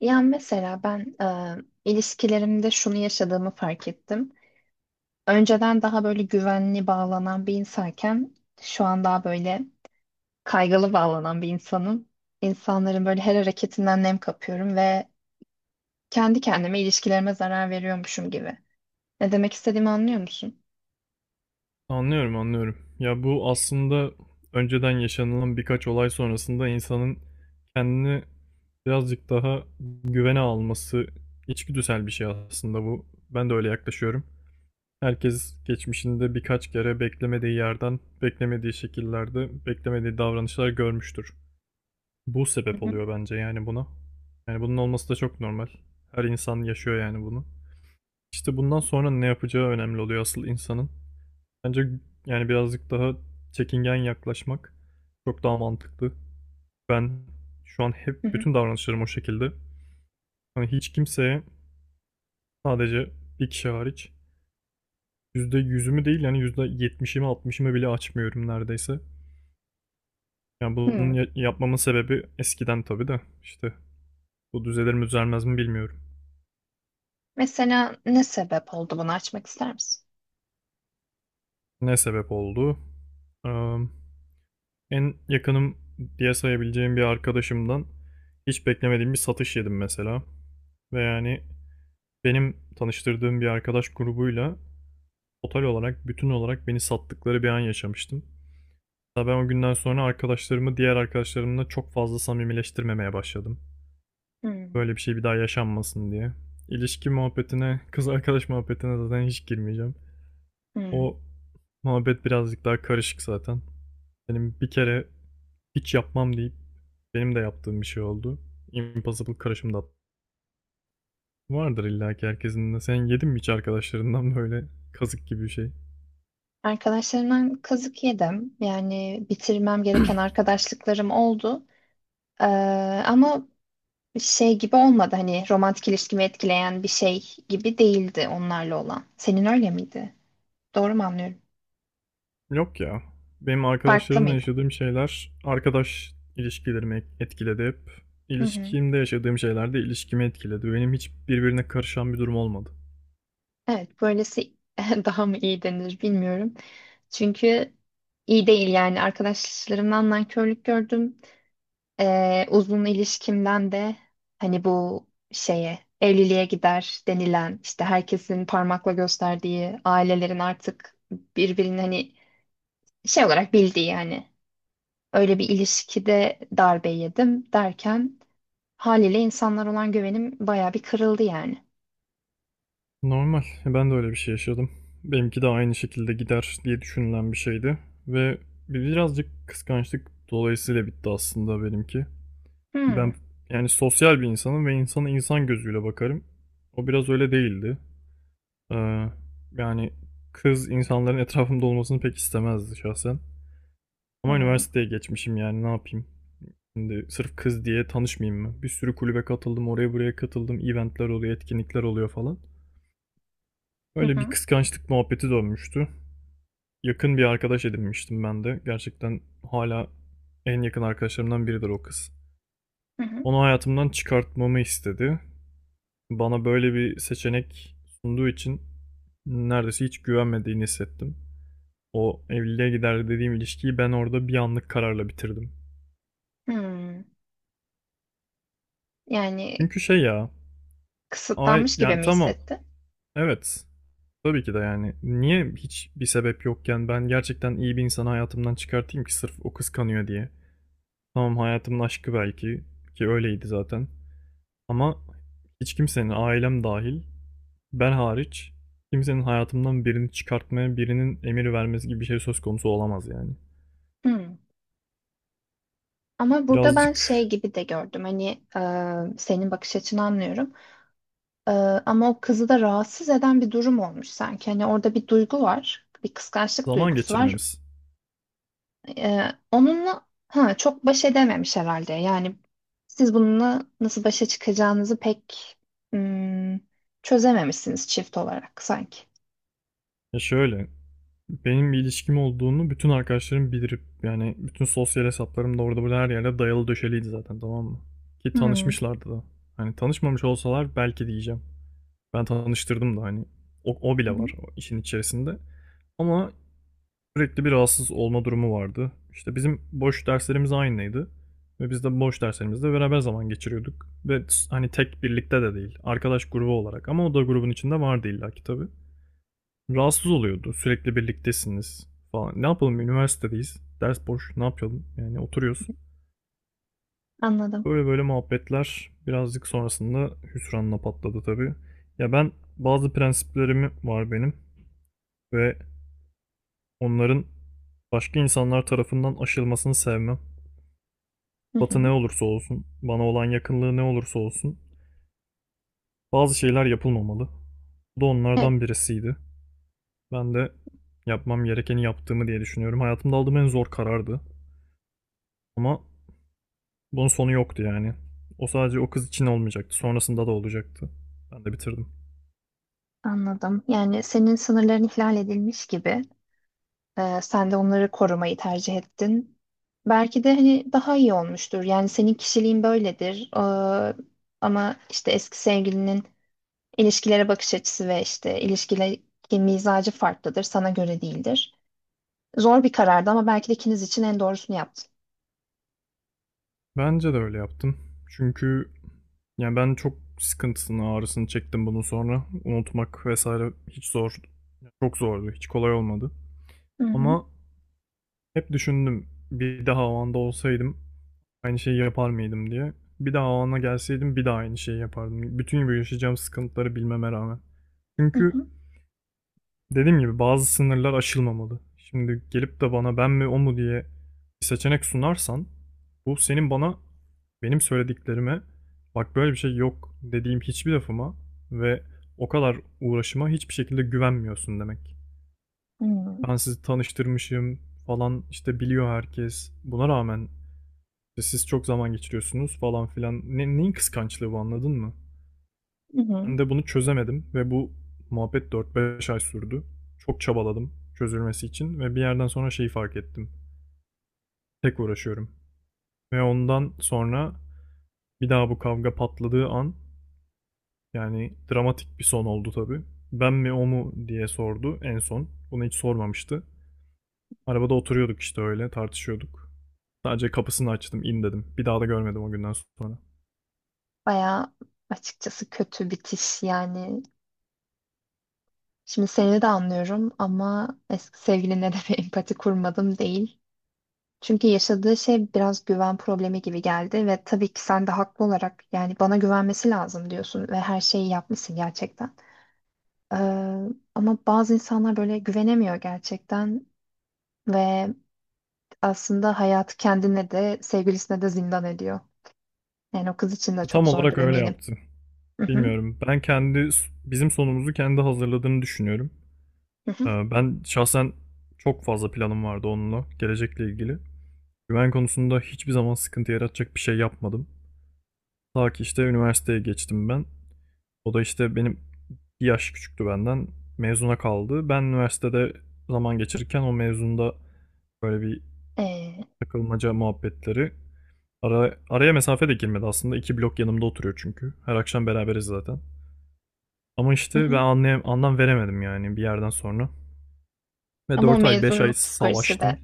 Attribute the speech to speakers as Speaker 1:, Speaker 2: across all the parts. Speaker 1: Ya mesela ben ilişkilerimde şunu yaşadığımı fark ettim. Önceden daha böyle güvenli bağlanan bir insanken şu an daha böyle kaygılı bağlanan bir insanım. İnsanların böyle her hareketinden nem kapıyorum ve kendi kendime ilişkilerime zarar veriyormuşum gibi. Ne demek istediğimi anlıyor musun?
Speaker 2: Anlıyorum, anlıyorum. Ya bu aslında önceden yaşanılan birkaç olay sonrasında insanın kendini birazcık daha güvene alması içgüdüsel bir şey aslında bu. Ben de öyle yaklaşıyorum. Herkes geçmişinde birkaç kere beklemediği yerden, beklemediği şekillerde, beklemediği davranışlar görmüştür. Bu
Speaker 1: Hı
Speaker 2: sebep
Speaker 1: hı.
Speaker 2: oluyor bence yani buna. Yani bunun olması da çok normal. Her insan yaşıyor yani bunu. İşte bundan sonra ne yapacağı önemli oluyor asıl insanın. Bence yani birazcık daha çekingen yaklaşmak çok daha mantıklı. Ben şu an hep
Speaker 1: Hı hı.
Speaker 2: bütün davranışlarım o şekilde. Hani hiç kimseye sadece bir kişi hariç yüzde yüzümü değil yani yüzde yetmişimi altmışımı bile açmıyorum neredeyse. Yani bunun
Speaker 1: Hmm.
Speaker 2: yapmamın sebebi eskiden tabii de işte bu düzelir mi düzelmez mi bilmiyorum.
Speaker 1: Mesela ne sebep oldu, bunu açmak ister misin?
Speaker 2: Ne sebep oldu? Eee, En yakınım diye sayabileceğim bir arkadaşımdan hiç beklemediğim bir satış yedim mesela. Ve yani benim tanıştırdığım bir arkadaş grubuyla total olarak, bütün olarak beni sattıkları bir an yaşamıştım. Hatta ben o günden sonra arkadaşlarımı diğer arkadaşlarımla çok fazla samimileştirmemeye başladım.
Speaker 1: Hmm.
Speaker 2: Böyle bir şey bir daha yaşanmasın diye. İlişki muhabbetine, kız arkadaş muhabbetine zaten hiç girmeyeceğim.
Speaker 1: Hmm.
Speaker 2: O muhabbet birazcık daha karışık zaten. Benim bir kere hiç yapmam deyip benim de yaptığım bir şey oldu. Impossible karışımda vardır illa ki herkesin de. Sen yedin mi hiç arkadaşlarından böyle kazık gibi bir şey?
Speaker 1: Arkadaşlarımdan kazık yedim. Yani bitirmem gereken arkadaşlıklarım oldu. Ee, ama şey gibi olmadı, hani romantik ilişkimi etkileyen bir şey gibi değildi onlarla olan. Senin öyle miydi? Doğru mu anlıyorum?
Speaker 2: Yok ya. Benim
Speaker 1: Farklı
Speaker 2: arkadaşlarımla
Speaker 1: mıydı?
Speaker 2: yaşadığım şeyler arkadaş ilişkilerimi etkiledi hep.
Speaker 1: Hı hı.
Speaker 2: İlişkimde yaşadığım şeyler de ilişkimi etkiledi. Benim hiç birbirine karışan bir durum olmadı.
Speaker 1: Evet, böylesi daha mı iyi denir bilmiyorum. Çünkü iyi değil yani, arkadaşlarımdan nankörlük gördüm. Uzun ilişkimden de hani bu şeye, evliliğe gider denilen, işte herkesin parmakla gösterdiği ailelerin artık birbirini hani şey olarak bildiği yani, öyle bir ilişkide darbe yedim derken haliyle insanlar olan güvenim baya bir kırıldı yani.
Speaker 2: Normal. Ben de öyle bir şey yaşadım. Benimki de aynı şekilde gider diye düşünülen bir şeydi. Ve birazcık kıskançlık dolayısıyla bitti aslında benimki.
Speaker 1: Hmm.
Speaker 2: Ben yani sosyal bir insanım ve insana insan gözüyle bakarım. O biraz öyle değildi. Ee, Yani kız insanların etrafımda olmasını pek istemezdi şahsen. Ama
Speaker 1: Hmm.
Speaker 2: üniversiteye geçmişim, yani ne yapayım? Şimdi sırf kız diye tanışmayayım mı? Bir sürü kulübe katıldım, oraya buraya katıldım, eventler oluyor, etkinlikler oluyor falan.
Speaker 1: Hı
Speaker 2: Öyle bir
Speaker 1: hı.
Speaker 2: kıskançlık muhabbeti dönmüştü. Yakın bir arkadaş edinmiştim ben de. Gerçekten hala en yakın arkadaşlarımdan biridir o kız.
Speaker 1: Hı hı.
Speaker 2: Onu hayatımdan çıkartmamı istedi. Bana böyle bir seçenek sunduğu için neredeyse hiç güvenmediğini hissettim. O evliliğe gider dediğim ilişkiyi ben orada bir anlık kararla bitirdim.
Speaker 1: Hmm. Yani
Speaker 2: Çünkü şey ya, ay
Speaker 1: kısıtlanmış gibi
Speaker 2: yani
Speaker 1: mi
Speaker 2: tamam.
Speaker 1: hissetti?
Speaker 2: Evet. Tabii ki de yani. Niye hiç bir sebep yokken ben gerçekten iyi bir insanı hayatımdan çıkartayım ki sırf o kıskanıyor diye. Tamam, hayatımın aşkı belki, ki öyleydi zaten. Ama hiç kimsenin, ailem dahil, ben hariç kimsenin hayatımdan birini çıkartmaya, birinin emir vermesi gibi bir şey söz konusu olamaz yani.
Speaker 1: Hmm. Ama burada ben
Speaker 2: Birazcık
Speaker 1: şey gibi de gördüm hani, senin bakış açını anlıyorum. E, Ama o kızı da rahatsız eden bir durum olmuş sanki, hani orada bir duygu var, bir kıskançlık
Speaker 2: zaman
Speaker 1: duygusu var.
Speaker 2: geçirmemiz.
Speaker 1: E, Onunla çok baş edememiş herhalde yani, siz bununla nasıl başa çıkacağınızı pek hmm, çözememişsiniz çift olarak sanki.
Speaker 2: Ya şöyle, benim bir ilişkim olduğunu bütün arkadaşlarım bilir. Yani bütün sosyal hesaplarım da orada burada her yerde dayalı döşeliydi zaten, tamam mı? Ki
Speaker 1: Hmm. Hı
Speaker 2: tanışmışlardı da. Hani tanışmamış olsalar belki diyeceğim. Ben tanıştırdım da hani, o, o bile
Speaker 1: hı.
Speaker 2: var o işin içerisinde. Ama sürekli bir rahatsız olma durumu vardı. İşte bizim boş derslerimiz aynıydı. Ve biz de boş derslerimizde beraber zaman geçiriyorduk. Ve hani tek birlikte de değil. Arkadaş grubu olarak. Ama o da grubun içinde vardı illaki, tabii rahatsız oluyordu. Sürekli birliktesiniz falan. Ne yapalım, üniversitedeyiz. Ders boş. Ne yapalım? Yani oturuyoruz.
Speaker 1: Anladım.
Speaker 2: Böyle böyle muhabbetler birazcık sonrasında hüsranla patladı tabii. Ya ben, bazı prensiplerim var benim ve onların başka insanlar tarafından aşılmasını sevmem.
Speaker 1: Hı
Speaker 2: Batı ne
Speaker 1: hı.
Speaker 2: olursa olsun, bana olan yakınlığı ne olursa olsun bazı şeyler yapılmamalı. Bu da
Speaker 1: Evet,
Speaker 2: onlardan birisiydi. Ben de yapmam gerekeni yaptığımı diye düşünüyorum. Hayatımda aldığım en zor karardı. Ama bunun sonu yoktu yani. O sadece o kız için olmayacaktı. Sonrasında da olacaktı. Ben de bitirdim.
Speaker 1: anladım yani, senin sınırların ihlal edilmiş gibi. Sen de onları korumayı tercih ettin. Belki de hani daha iyi olmuştur. Yani senin kişiliğin böyledir. Ama işte eski sevgilinin ilişkilere bakış açısı ve işte ilişkilerdeki mizacı farklıdır. Sana göre değildir. Zor bir karardı ama belki de ikiniz için en doğrusunu yaptın.
Speaker 2: Bence de öyle yaptım. Çünkü yani ben çok sıkıntısını, ağrısını çektim bunun sonra. Unutmak vesaire hiç zor. Çok zordu. Hiç kolay olmadı.
Speaker 1: Hı hı.
Speaker 2: Ama hep düşündüm. Bir daha o anda olsaydım aynı şeyi yapar mıydım diye. Bir daha o ana gelseydim bir daha aynı şeyi yapardım. Bütün bu yaşayacağım sıkıntıları bilmeme rağmen.
Speaker 1: Hı
Speaker 2: Çünkü
Speaker 1: hı.
Speaker 2: dediğim gibi bazı sınırlar aşılmamalı. Şimdi gelip de bana ben mi o mu diye bir seçenek sunarsan, bu senin bana, benim söylediklerime, bak böyle bir şey yok dediğim hiçbir lafıma ve o kadar uğraşıma hiçbir şekilde güvenmiyorsun demek.
Speaker 1: Hı hı.
Speaker 2: Ben sizi tanıştırmışım falan, işte biliyor herkes. Buna rağmen işte siz çok zaman geçiriyorsunuz falan filan. Neyin kıskançlığı bu, anladın mı?
Speaker 1: Hı. Hı.
Speaker 2: Ben de bunu çözemedim ve bu muhabbet 4-5 ay sürdü. Çok çabaladım çözülmesi için ve bir yerden sonra şeyi fark ettim. Tek uğraşıyorum. Ve ondan sonra bir daha bu kavga patladığı an, yani dramatik bir son oldu tabii. Ben mi o mu diye sordu en son. Bunu hiç sormamıştı. Arabada oturuyorduk işte, öyle tartışıyorduk. Sadece kapısını açtım, in dedim. Bir daha da görmedim o günden sonra.
Speaker 1: Bayağı açıkçası kötü bitiş yani. Şimdi seni de anlıyorum ama eski sevgiline de bir empati kurmadım değil. Çünkü yaşadığı şey biraz güven problemi gibi geldi ve tabii ki sen de haklı olarak yani bana güvenmesi lazım diyorsun ve her şeyi yapmışsın gerçekten. Ee, ama bazı insanlar böyle güvenemiyor gerçekten ve aslında hayatı kendine de sevgilisine de zindan ediyor. Yani o kız için de çok
Speaker 2: Tam
Speaker 1: zordur
Speaker 2: olarak öyle
Speaker 1: eminim.
Speaker 2: yaptı.
Speaker 1: Hı hı.
Speaker 2: Bilmiyorum. Ben kendi, bizim sonumuzu kendi hazırladığını düşünüyorum.
Speaker 1: Hı hı.
Speaker 2: Ben şahsen çok fazla planım vardı onunla, gelecekle ilgili. Güven konusunda hiçbir zaman sıkıntı yaratacak bir şey yapmadım. Ta ki işte üniversiteye geçtim ben. O da işte benim bir yaş küçüktü benden. Mezuna kaldı. Ben üniversitede zaman geçirirken o mezunda böyle bir
Speaker 1: Ee,
Speaker 2: takılmaca muhabbetleri. Araya mesafe de girmedi aslında. İki blok yanımda oturuyor çünkü. Her akşam beraberiz zaten. Ama
Speaker 1: hı
Speaker 2: işte ben
Speaker 1: hı.
Speaker 2: anlam veremedim yani bir yerden sonra. Ve
Speaker 1: Ama o
Speaker 2: 4 ay 5 ay
Speaker 1: mezunluk psikolojisi de.
Speaker 2: savaştım.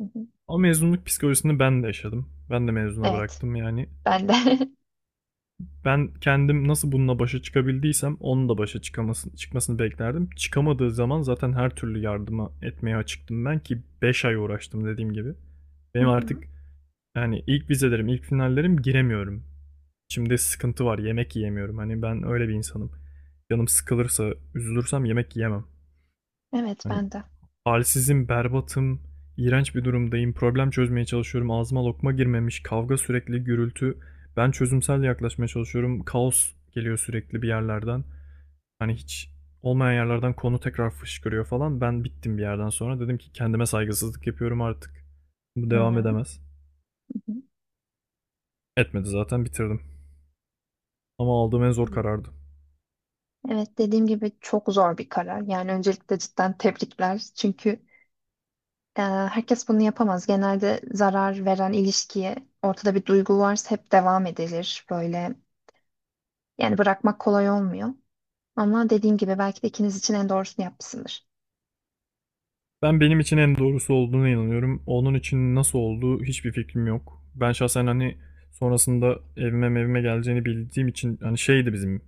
Speaker 1: Hı hı.
Speaker 2: Ama mezunluk psikolojisini ben de yaşadım. Ben de mezuna
Speaker 1: Evet,
Speaker 2: bıraktım yani.
Speaker 1: ben de.
Speaker 2: Ben kendim nasıl bununla başa çıkabildiysem onun da çıkmasını beklerdim. Çıkamadığı zaman zaten her türlü yardıma etmeye açıktım ben, ki 5 ay uğraştım dediğim gibi.
Speaker 1: Hı
Speaker 2: Benim
Speaker 1: hı.
Speaker 2: artık yani ilk vizelerim, ilk finallerim, giremiyorum. Şimdi sıkıntı var, yemek yiyemiyorum. Hani ben öyle bir insanım. Canım sıkılırsa, üzülürsem yemek yiyemem.
Speaker 1: Evet,
Speaker 2: Hani
Speaker 1: ben de.
Speaker 2: halsizim, berbatım, iğrenç bir durumdayım, problem çözmeye çalışıyorum, ağzıma lokma girmemiş, kavga sürekli, gürültü. Ben çözümsel yaklaşmaya çalışıyorum, kaos geliyor sürekli bir yerlerden. Hani hiç olmayan yerlerden konu tekrar fışkırıyor falan. Ben bittim bir yerden sonra. Dedim ki kendime saygısızlık yapıyorum artık. Bu
Speaker 1: Hı
Speaker 2: devam
Speaker 1: hı.
Speaker 2: edemez.
Speaker 1: Hı
Speaker 2: Etmedi, zaten bitirdim. Ama aldığım en zor
Speaker 1: hı.
Speaker 2: karardı.
Speaker 1: Evet, dediğim gibi çok zor bir karar. Yani öncelikle cidden tebrikler. Çünkü herkes bunu yapamaz. Genelde zarar veren ilişkiye, ortada bir duygu varsa hep devam edilir. Böyle yani, bırakmak kolay olmuyor. Ama dediğim gibi belki de ikiniz için en doğrusunu yapmışsındır.
Speaker 2: Ben benim için en doğrusu olduğuna inanıyorum. Onun için nasıl olduğu hiçbir fikrim yok. Ben şahsen hani sonrasında evime evime geleceğini bildiğim için hani şeydi bizim,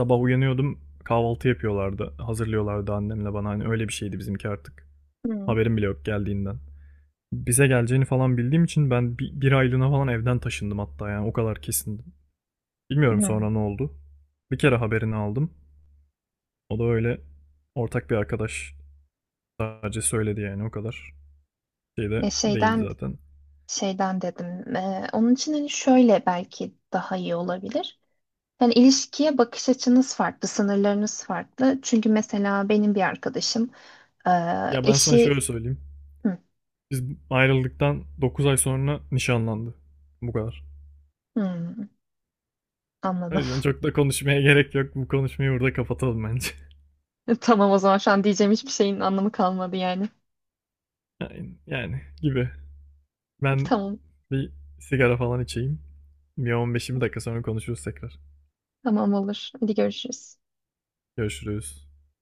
Speaker 2: sabah uyanıyordum kahvaltı yapıyorlardı hazırlıyorlardı annemle bana, hani öyle bir şeydi bizimki artık.
Speaker 1: Hı
Speaker 2: Haberim bile yok geldiğinden. Bize geleceğini falan bildiğim için ben bir aylığına falan evden taşındım hatta, yani o kadar kesindim. Bilmiyorum
Speaker 1: hı.
Speaker 2: sonra ne oldu. Bir kere haberini aldım. O da öyle, ortak bir arkadaş sadece söyledi yani, o kadar. Şey de
Speaker 1: Ya
Speaker 2: değildi
Speaker 1: şeyden
Speaker 2: zaten.
Speaker 1: dedim. Onun için hani şöyle belki daha iyi olabilir. Yani ilişkiye bakış açınız farklı, sınırlarınız farklı. Çünkü mesela benim bir arkadaşım e,
Speaker 2: Ya ben sana
Speaker 1: eşi...
Speaker 2: şöyle söyleyeyim.
Speaker 1: Hı,
Speaker 2: Biz ayrıldıktan 9 ay sonra nişanlandı. Bu kadar.
Speaker 1: hı,
Speaker 2: O
Speaker 1: anladım.
Speaker 2: yüzden çok da konuşmaya gerek yok. Bu konuşmayı burada kapatalım bence.
Speaker 1: Tamam, o zaman şu an diyeceğim hiçbir şeyin anlamı kalmadı yani.
Speaker 2: Yani gibi. Ben
Speaker 1: Tamam,
Speaker 2: bir sigara falan içeyim. Bir on beş 20 dakika sonra konuşuruz tekrar.
Speaker 1: tamam olur. Hadi görüşürüz.
Speaker 2: Görüşürüz.